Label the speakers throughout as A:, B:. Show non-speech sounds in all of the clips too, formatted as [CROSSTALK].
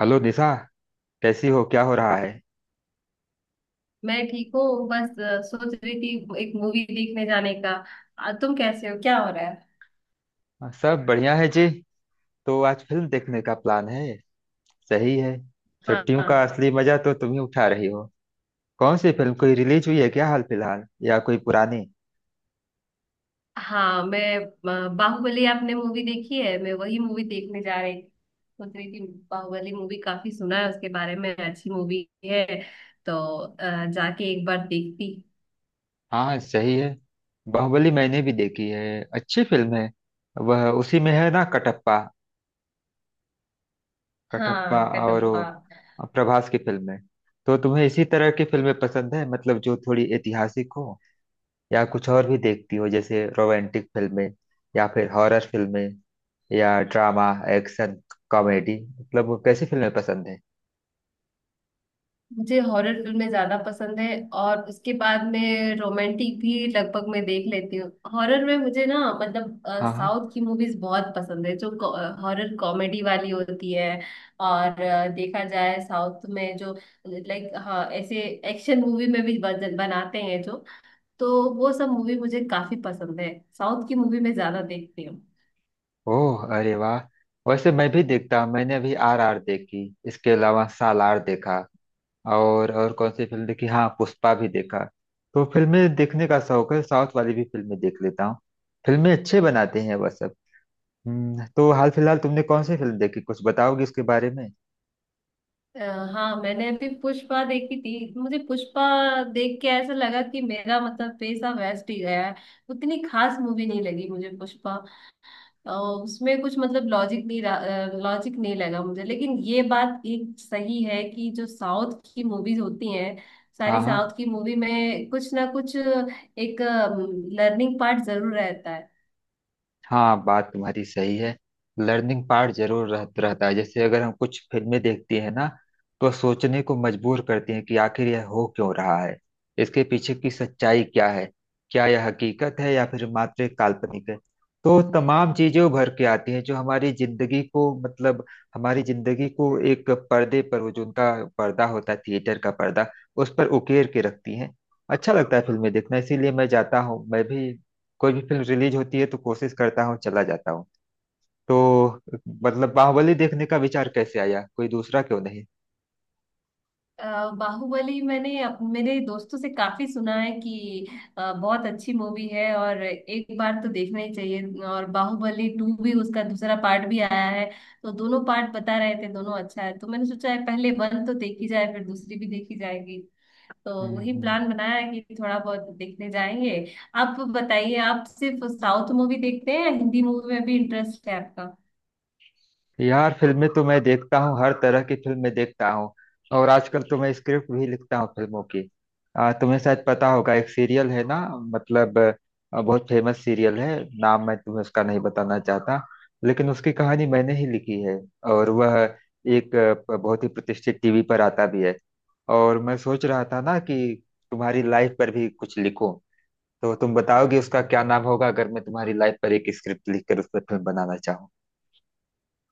A: Hello Nisha. कैसी हो, क्या हो रहा है?
B: मैं ठीक हूँ। बस सोच रही थी एक मूवी देखने जाने का। तुम कैसे हो, क्या हो रहा है?
A: हाँ, सब बढ़िया है जी। तो आज फिल्म देखने का प्लान है। सही है।
B: हाँ
A: छुट्टियों का
B: हाँ
A: असली मजा तो तुम ही उठा रही हो। कौन सी फिल्म, कोई रिलीज हुई है क्या हाल फिलहाल, या कोई पुरानी?
B: हाँ, बाहुबली आपने मूवी देखी है? मैं वही मूवी देखने जा रही थी। सोच रही थी बाहुबली मूवी, काफी सुना है उसके बारे में, अच्छी मूवी है तो जाके एक बार देखती।
A: हाँ, सही है। बाहुबली मैंने भी देखी है, अच्छी फिल्म है। वह उसी में है ना, कटप्पा? कटप्पा।
B: हाँ,
A: और
B: कटप्पा।
A: वो प्रभास की फिल्म है। तो तुम्हें इसी तरह की फिल्में पसंद है, मतलब जो थोड़ी ऐतिहासिक हो? या कुछ और भी देखती हो, जैसे रोमांटिक फिल्में, या फिर हॉरर फिल्में, या ड्रामा, एक्शन, कॉमेडी, मतलब वो कैसी फिल्में पसंद है?
B: मुझे हॉरर फिल्में ज्यादा पसंद है। और उसके बाद में रोमांटिक भी लगभग मैं देख लेती हूँ। हॉरर में मुझे, ना, मतलब
A: हाँ हाँ।
B: साउथ की मूवीज बहुत पसंद है जो हॉरर कॉमेडी वाली होती है। और देखा जाए साउथ में जो, लाइक, हाँ ऐसे एक्शन मूवी में भी बनाते हैं जो। तो वो सब मूवी मुझे काफी पसंद है, साउथ की मूवी में ज्यादा देखती हूँ।
A: ओह, अरे वाह। वैसे मैं भी देखता हूँ, मैंने अभी आर आर देखी, इसके अलावा सालार देखा। और कौन सी फिल्म देखी? हाँ, पुष्पा भी देखा। तो फिल्में देखने का शौक है, साउथ वाली भी फिल्में देख लेता हूँ। फिल्में अच्छे बनाते हैं वह सब। तो हाल फिलहाल तुमने कौन सी फिल्म देखी, कुछ बताओगी उसके बारे में?
B: अ, हाँ, मैंने अभी पुष्पा देखी थी। मुझे पुष्पा देख के ऐसा लगा कि मेरा मतलब पैसा वेस्ट ही गया है। उतनी खास मूवी नहीं लगी मुझे पुष्पा। उसमें कुछ मतलब लॉजिक नहीं, लॉजिक नहीं लगा मुझे, लेकिन ये बात एक सही है कि जो साउथ की मूवीज होती हैं,
A: हाँ
B: सारी
A: हाँ।
B: साउथ की मूवी में कुछ ना कुछ एक लर्निंग पार्ट जरूर रहता है।
A: हाँ, बात तुम्हारी सही है। लर्निंग पार्ट जरूर रहता है, जैसे अगर हम कुछ फिल्में देखते हैं ना, तो सोचने को मजबूर करती हैं कि आखिर यह हो क्यों रहा है, इसके पीछे की सच्चाई क्या है, क्या यह हकीकत है या फिर मात्र एक काल्पनिक है। तो तमाम चीजें उभर के आती हैं जो हमारी जिंदगी को, मतलब हमारी जिंदगी को एक पर्दे पर, वो जो उनका पर्दा होता है थिएटर का पर्दा, उस पर उकेर के रखती हैं। अच्छा लगता है फिल्में देखना, इसीलिए मैं जाता हूँ, मैं भी कोई भी फिल्म रिलीज होती है तो कोशिश करता हूँ चला जाता हूँ। तो मतलब बाहुबली देखने का विचार कैसे आया, कोई दूसरा क्यों नहीं?
B: बाहुबली, मैंने मेरे दोस्तों से काफी सुना है कि बहुत अच्छी मूवी है और एक बार तो देखना ही चाहिए, और बाहुबली 2 भी, उसका दूसरा पार्ट भी आया है। तो दोनों पार्ट बता रहे थे दोनों अच्छा है, तो मैंने सोचा है पहले वन तो देखी जाए फिर दूसरी भी देखी जाएगी। तो
A: हम्म
B: वही
A: हम्म।
B: प्लान बनाया है कि थोड़ा बहुत देखने जाएंगे। आप बताइए, आप सिर्फ साउथ मूवी देखते हैं या हिंदी मूवी में भी इंटरेस्ट है आपका?
A: यार फिल्में तो मैं देखता हूँ, हर तरह की फिल्में देखता हूँ। और आजकल तो मैं स्क्रिप्ट भी लिखता हूँ फिल्मों की। तुम्हें शायद पता होगा, एक सीरियल है ना, मतलब बहुत फेमस सीरियल है। नाम मैं तुम्हें उसका नहीं बताना चाहता, लेकिन उसकी कहानी मैंने ही लिखी है, और वह एक बहुत ही प्रतिष्ठित TV पर आता भी है। और मैं सोच रहा था ना कि तुम्हारी लाइफ पर भी कुछ लिखूं। तो तुम बताओगे उसका क्या नाम होगा, अगर मैं तुम्हारी लाइफ पर एक स्क्रिप्ट लिखकर उस पर फिल्म बनाना चाहूँ?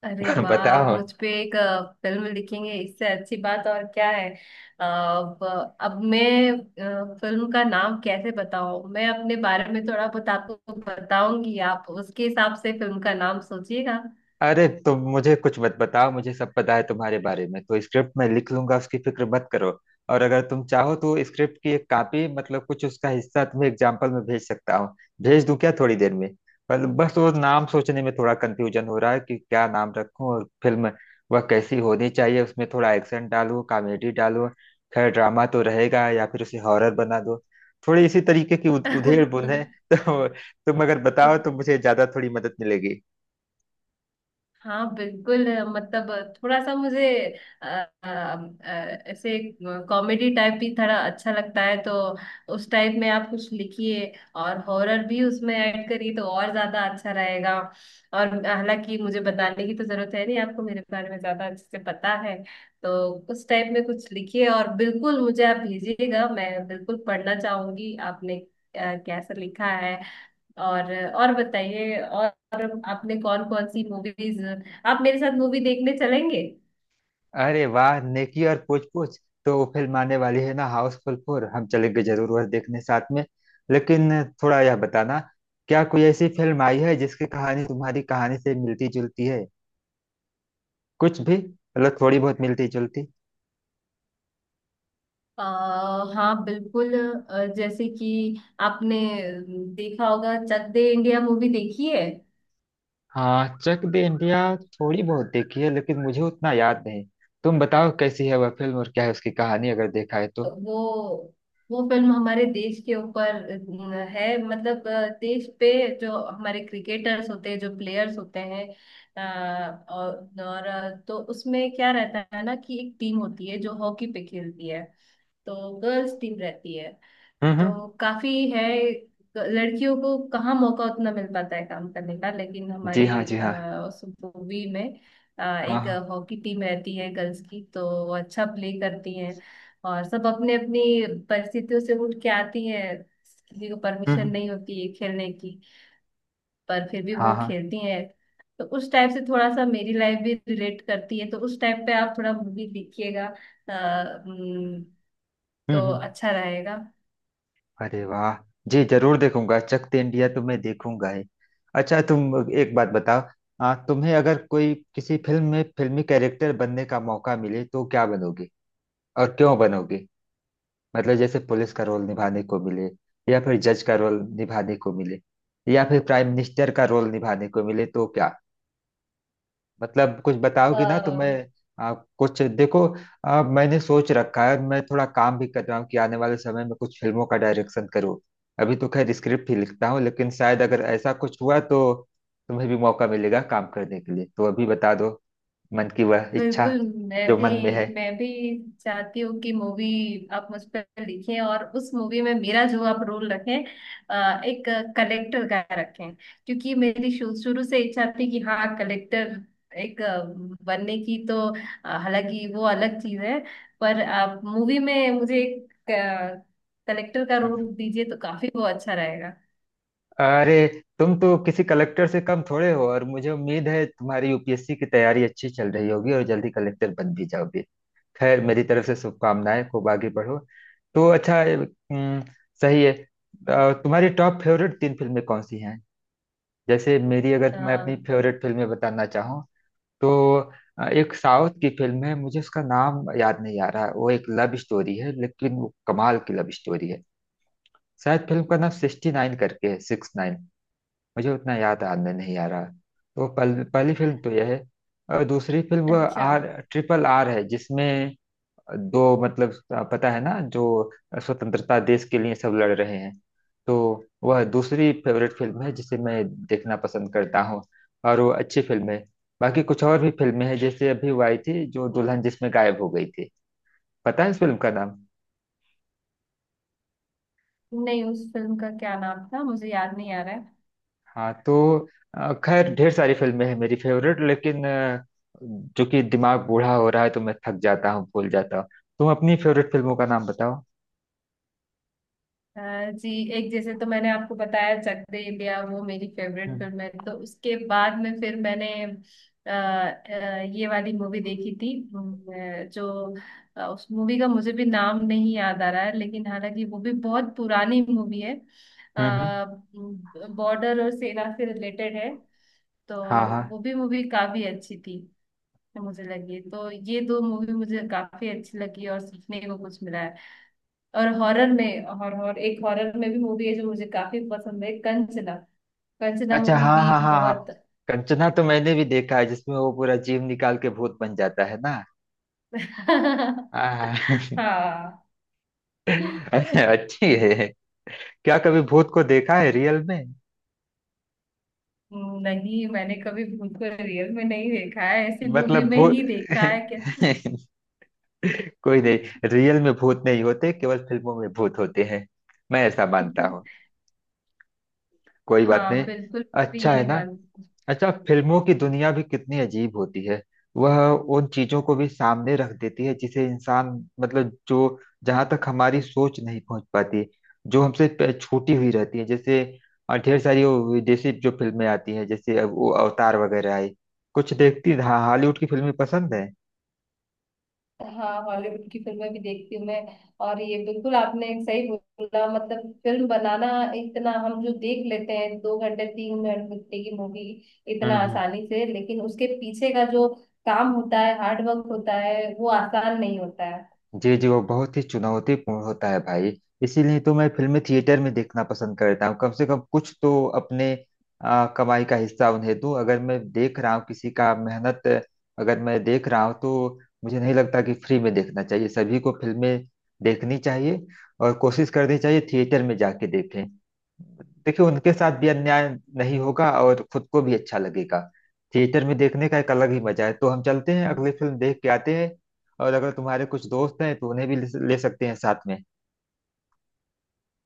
B: अरे
A: [LAUGHS]
B: वाह, आप
A: बताओ।
B: मुझ पे एक फिल्म लिखेंगे, इससे अच्छी बात और क्या है? अब अब मैं फिल्म का नाम कैसे बताऊं? मैं अपने बारे में थोड़ा बहुत आपको बताऊंगी, आप उसके हिसाब से फिल्म का नाम सोचिएगा।
A: अरे तुम मुझे कुछ मत बताओ, मुझे सब पता है तुम्हारे बारे में, तो स्क्रिप्ट मैं लिख लूंगा, उसकी फिक्र मत करो। और अगर तुम चाहो तो स्क्रिप्ट की एक कॉपी, मतलब कुछ उसका हिस्सा, तुम्हें एग्जाम्पल में भेज सकता हूँ, भेज दूं क्या थोड़ी देर में? पर बस वो नाम सोचने में थोड़ा कंफ्यूजन हो रहा है कि क्या नाम रखूं और फिल्म वह कैसी होनी चाहिए, उसमें थोड़ा एक्शन डालूं, कॉमेडी डालूं, खैर ड्रामा तो रहेगा, या फिर उसे हॉरर बना दो। थोड़ी इसी तरीके की उधेड़ बुन है।
B: [LAUGHS]
A: [LAUGHS] तो तुम अगर बताओ तो मुझे ज्यादा थोड़ी मदद मिलेगी।
B: हाँ बिल्कुल, मतलब थोड़ा सा मुझे अ, अ, ऐसे कॉमेडी टाइप भी थोड़ा अच्छा लगता है तो उस टाइप में आप कुछ लिखिए। और हॉरर भी उसमें ऐड करिए तो और ज्यादा अच्छा रहेगा। और हालांकि मुझे बताने की तो जरूरत है नहीं, आपको मेरे बारे में ज्यादा अच्छे से पता है। तो उस टाइप में कुछ लिखिए, और बिल्कुल मुझे आप भेजिएगा, मैं बिल्कुल पढ़ना चाहूंगी आपने कैसा लिखा है। और बताइए, और आपने कौन कौन सी मूवीज, आप मेरे साथ मूवी देखने चलेंगे?
A: अरे वाह, नेकी और पूछ पूछ। तो वो फिल्म आने वाली है ना, हाउसफुल 4, हम चलेंगे जरूर वह देखने साथ में। लेकिन थोड़ा यह बताना, क्या कोई ऐसी फिल्म आई है जिसकी कहानी तुम्हारी कहानी से मिलती जुलती है, कुछ भी, मतलब थोड़ी बहुत मिलती जुलती?
B: आ, हाँ बिल्कुल। जैसे कि आपने देखा होगा, चक दे इंडिया मूवी देखी है?
A: हाँ, चक दे इंडिया थोड़ी बहुत देखी है, लेकिन मुझे उतना याद नहीं। तुम बताओ कैसी है वह फिल्म और क्या है उसकी कहानी, अगर देखा है तो।
B: वो वो फिल्म हमारे देश के ऊपर है, मतलब देश पे जो हमारे क्रिकेटर्स होते हैं, जो प्लेयर्स होते हैं, अ, और, और तो उसमें क्या रहता है ना कि एक टीम होती है जो हॉकी पे खेलती है, तो गर्ल्स टीम रहती है।
A: हम्म।
B: तो काफी है, लड़कियों को कहाँ मौका उतना मिल पाता है काम करने का, लेकिन
A: जी
B: हमारी
A: हाँ, जी हाँ।
B: उस मूवी में
A: हाँ
B: एक
A: हाँ।
B: हॉकी टीम रहती है गर्ल्स की, तो वो अच्छा प्ले करती हैं। और सब अपने अपनी परिस्थितियों से उठ के आती हैं, किसी को
A: हम्म
B: परमिशन
A: हम्म,
B: नहीं होती है खेलने की, पर फिर भी
A: हाँ
B: वो
A: हाँ।
B: खेलती हैं। तो उस टाइप से थोड़ा सा मेरी लाइफ भी रिलेट करती है, तो उस टाइप पे आप थोड़ा मूवी देखिएगा। अ, उम, तो
A: हम्म।
B: अच्छा रहेगा।
A: अरे वाह, जी जरूर देखूंगा, चक दे इंडिया तो मैं देखूंगा ही। अच्छा, तुम एक बात बताओ। तुम्हें अगर कोई किसी फिल्म में फिल्मी कैरेक्टर बनने का मौका मिले तो क्या बनोगे और क्यों बनोगे? मतलब जैसे पुलिस का रोल निभाने को मिले, या फिर जज का रोल निभाने को मिले, या फिर प्राइम मिनिस्टर का रोल निभाने को मिले तो क्या, मतलब कुछ बताओगी ना तो मैं
B: अ,
A: कुछ देखो। मैंने सोच रखा है, मैं थोड़ा काम भी कर रहा हूँ कि आने वाले समय में कुछ फिल्मों का डायरेक्शन करूँ। अभी तो खैर स्क्रिप्ट ही लिखता हूँ, लेकिन शायद अगर ऐसा कुछ हुआ तो तुम्हें भी मौका मिलेगा काम करने के लिए, तो अभी बता दो, मन की वह इच्छा
B: बिल्कुल। मैं
A: जो
B: भी
A: मन में है।
B: मैं भी चाहती हूँ कि मूवी आप मुझ पर लिखें, और उस मूवी में मेरा जो आप रोल रखें, एक कलेक्टर का रखें, क्योंकि मेरी शुरू से इच्छा थी कि हाँ, कलेक्टर एक बनने की। तो हालांकि वो अलग चीज है, पर आप मूवी में मुझे एक कलेक्टर का
A: हम्म।
B: रोल दीजिए तो काफी वो अच्छा रहेगा।
A: अरे, तुम तो किसी कलेक्टर से कम थोड़े हो, और मुझे उम्मीद है तुम्हारी UPSC की तैयारी अच्छी चल रही होगी और जल्दी कलेक्टर बन भी जाओगे। खैर मेरी तरफ से शुभकामनाएं, खूब आगे बढ़ो। तो अच्छा सही है, तुम्हारी टॉप फेवरेट तीन फिल्में कौन सी हैं? जैसे मेरी, अगर मैं
B: अ,
A: अपनी फेवरेट फिल्में बताना चाहूँ तो एक साउथ की फिल्म है, मुझे उसका नाम याद नहीं आ रहा, वो एक लव स्टोरी है लेकिन वो कमाल की लव स्टोरी है। शायद फिल्म का नाम 69 करके है, 69, मुझे उतना याद आने नहीं आ रहा। तो पहली फिल्म तो यह है। और दूसरी फिल्म वो
B: अच्छा।
A: RRR है, जिसमें दो, मतलब पता है ना, जो स्वतंत्रता देश के लिए सब लड़ रहे हैं, तो वह दूसरी फेवरेट फिल्म है जिसे मैं देखना पसंद करता हूँ, और वो अच्छी फिल्म है। बाकी कुछ और भी फिल्में हैं, जैसे अभी वो आई थी जो दुल्हन जिसमें गायब हो गई थी, पता है इस फिल्म का नाम?
B: नहीं, उस फिल्म का क्या नाम था, मुझे याद नहीं आ रहा है।
A: हाँ तो खैर ढेर सारी फिल्में हैं मेरी फेवरेट, लेकिन जो कि दिमाग बूढ़ा हो रहा है तो मैं थक जाता हूँ, भूल जाता हूँ। तुम अपनी फेवरेट फिल्मों का नाम बताओ।
B: हाँ जी। एक जैसे तो मैंने आपको बताया, चक दे इंडिया, वो मेरी फेवरेट
A: हम्म
B: फिल्म है। तो उसके बाद में फिर मैंने ये वाली मूवी देखी थी, जो उस मूवी का मुझे भी नाम नहीं याद आ रहा है, लेकिन हालांकि वो भी बहुत पुरानी मूवी है।
A: हम्म हम्म।
B: बॉर्डर और सेना से रिलेटेड है, तो
A: हाँ हाँ।
B: वो भी मूवी काफी अच्छी थी। तो मुझे लगी, तो ये दो मूवी मुझे काफी अच्छी लगी और सीखने को कुछ मिला है। और हॉरर में और एक हॉरर में भी मूवी है जो मुझे काफी पसंद है, कंचना। कंचना
A: अच्छा,
B: मूवी
A: हाँ
B: भी
A: हाँ हाँ हाँ।
B: बहुत।
A: कंचना तो मैंने भी देखा है, जिसमें वो पूरा जीव निकाल के भूत बन जाता है ना।
B: [LAUGHS]
A: हाँ [LAUGHS]
B: हाँ।
A: अच्छी है। क्या कभी भूत को देखा है रियल में?
B: नहीं, मैंने कभी भूत को रियल में नहीं देखा है, ऐसी मूवी
A: मतलब
B: में
A: भूत
B: ही
A: [LAUGHS]
B: देखा है क्या?
A: कोई नहीं, रियल में भूत नहीं होते, केवल फिल्मों में भूत होते हैं, मैं ऐसा मानता हूँ।
B: [LAUGHS]
A: कोई बात नहीं।
B: हाँ बिल्कुल, भी
A: अच्छा है
B: यही
A: ना?
B: मान।
A: अच्छा, फिल्मों की दुनिया भी कितनी अजीब होती है, वह उन चीजों को भी सामने रख देती है जिसे इंसान, मतलब जो, जहां तक हमारी सोच नहीं पहुंच पाती, जो हमसे छूटी हुई रहती है, जैसे ढेर सारी वो विदेशी जो फिल्में आती हैं, जैसे अब वो अवतार वगैरह आई, कुछ देखती, हाँ हॉलीवुड की फिल्में पसंद
B: हाँ, हॉलीवुड की फिल्में भी देखती हूँ मैं। और ये बिल्कुल आपने एक सही बोला, मतलब फिल्म बनाना इतना, हम जो देख लेते हैं 2 घंटे 3 घंटे की मूवी इतना
A: है?
B: आसानी से, लेकिन उसके पीछे का जो काम होता है, हार्ड वर्क होता है, वो आसान नहीं होता है।
A: जी जी, वो बहुत ही चुनौतीपूर्ण होता है भाई। इसीलिए तो मैं फिल्में थिएटर में देखना पसंद करता हूँ, कम से कम कुछ तो अपने कमाई का हिस्सा उन्हें दूं, अगर मैं देख रहा हूँ किसी का मेहनत, अगर मैं देख रहा हूँ तो मुझे नहीं लगता कि फ्री में देखना चाहिए, सभी को फिल्में देखनी चाहिए और कोशिश करनी चाहिए थिएटर में जाके देखें, देखिए उनके साथ भी अन्याय नहीं होगा और खुद को भी अच्छा लगेगा। थिएटर में देखने का एक अलग ही मजा है, तो हम चलते हैं अगली फिल्म देख के आते हैं, और अगर तुम्हारे कुछ दोस्त हैं तो उन्हें भी ले ले सकते हैं साथ में।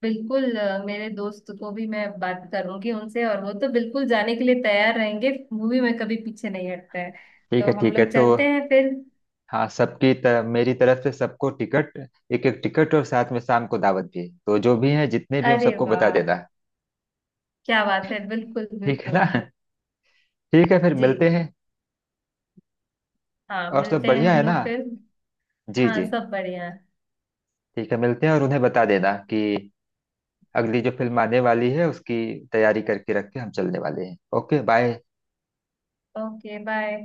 B: बिल्कुल। मेरे दोस्त को भी मैं बात करूंगी उनसे, और वो तो बिल्कुल जाने के लिए तैयार रहेंगे, मूवी में कभी पीछे नहीं हटते हैं।
A: ठीक
B: तो
A: है,
B: हम
A: ठीक है,
B: लोग
A: तो
B: चलते हैं फिर।
A: हाँ, सबकी तरफ मेरी तरफ से सबको टिकट, एक एक टिकट और साथ में शाम को दावत भी, तो जो भी हैं जितने भी उन
B: अरे
A: सबको बता
B: वाह,
A: देना।
B: क्या बात है, बिल्कुल
A: ठीक है
B: बिल्कुल।
A: ना? ठीक है, फिर
B: जी
A: मिलते हैं।
B: हाँ,
A: और सब
B: मिलते हैं
A: बढ़िया
B: हम
A: है ना,
B: लोग फिर।
A: जी
B: हाँ,
A: जी?
B: सब बढ़िया है।
A: ठीक है, मिलते हैं, और उन्हें बता देना कि अगली जो फिल्म आने वाली है उसकी तैयारी करके रख के हम चलने वाले हैं। Okay bye.
B: Okay bye.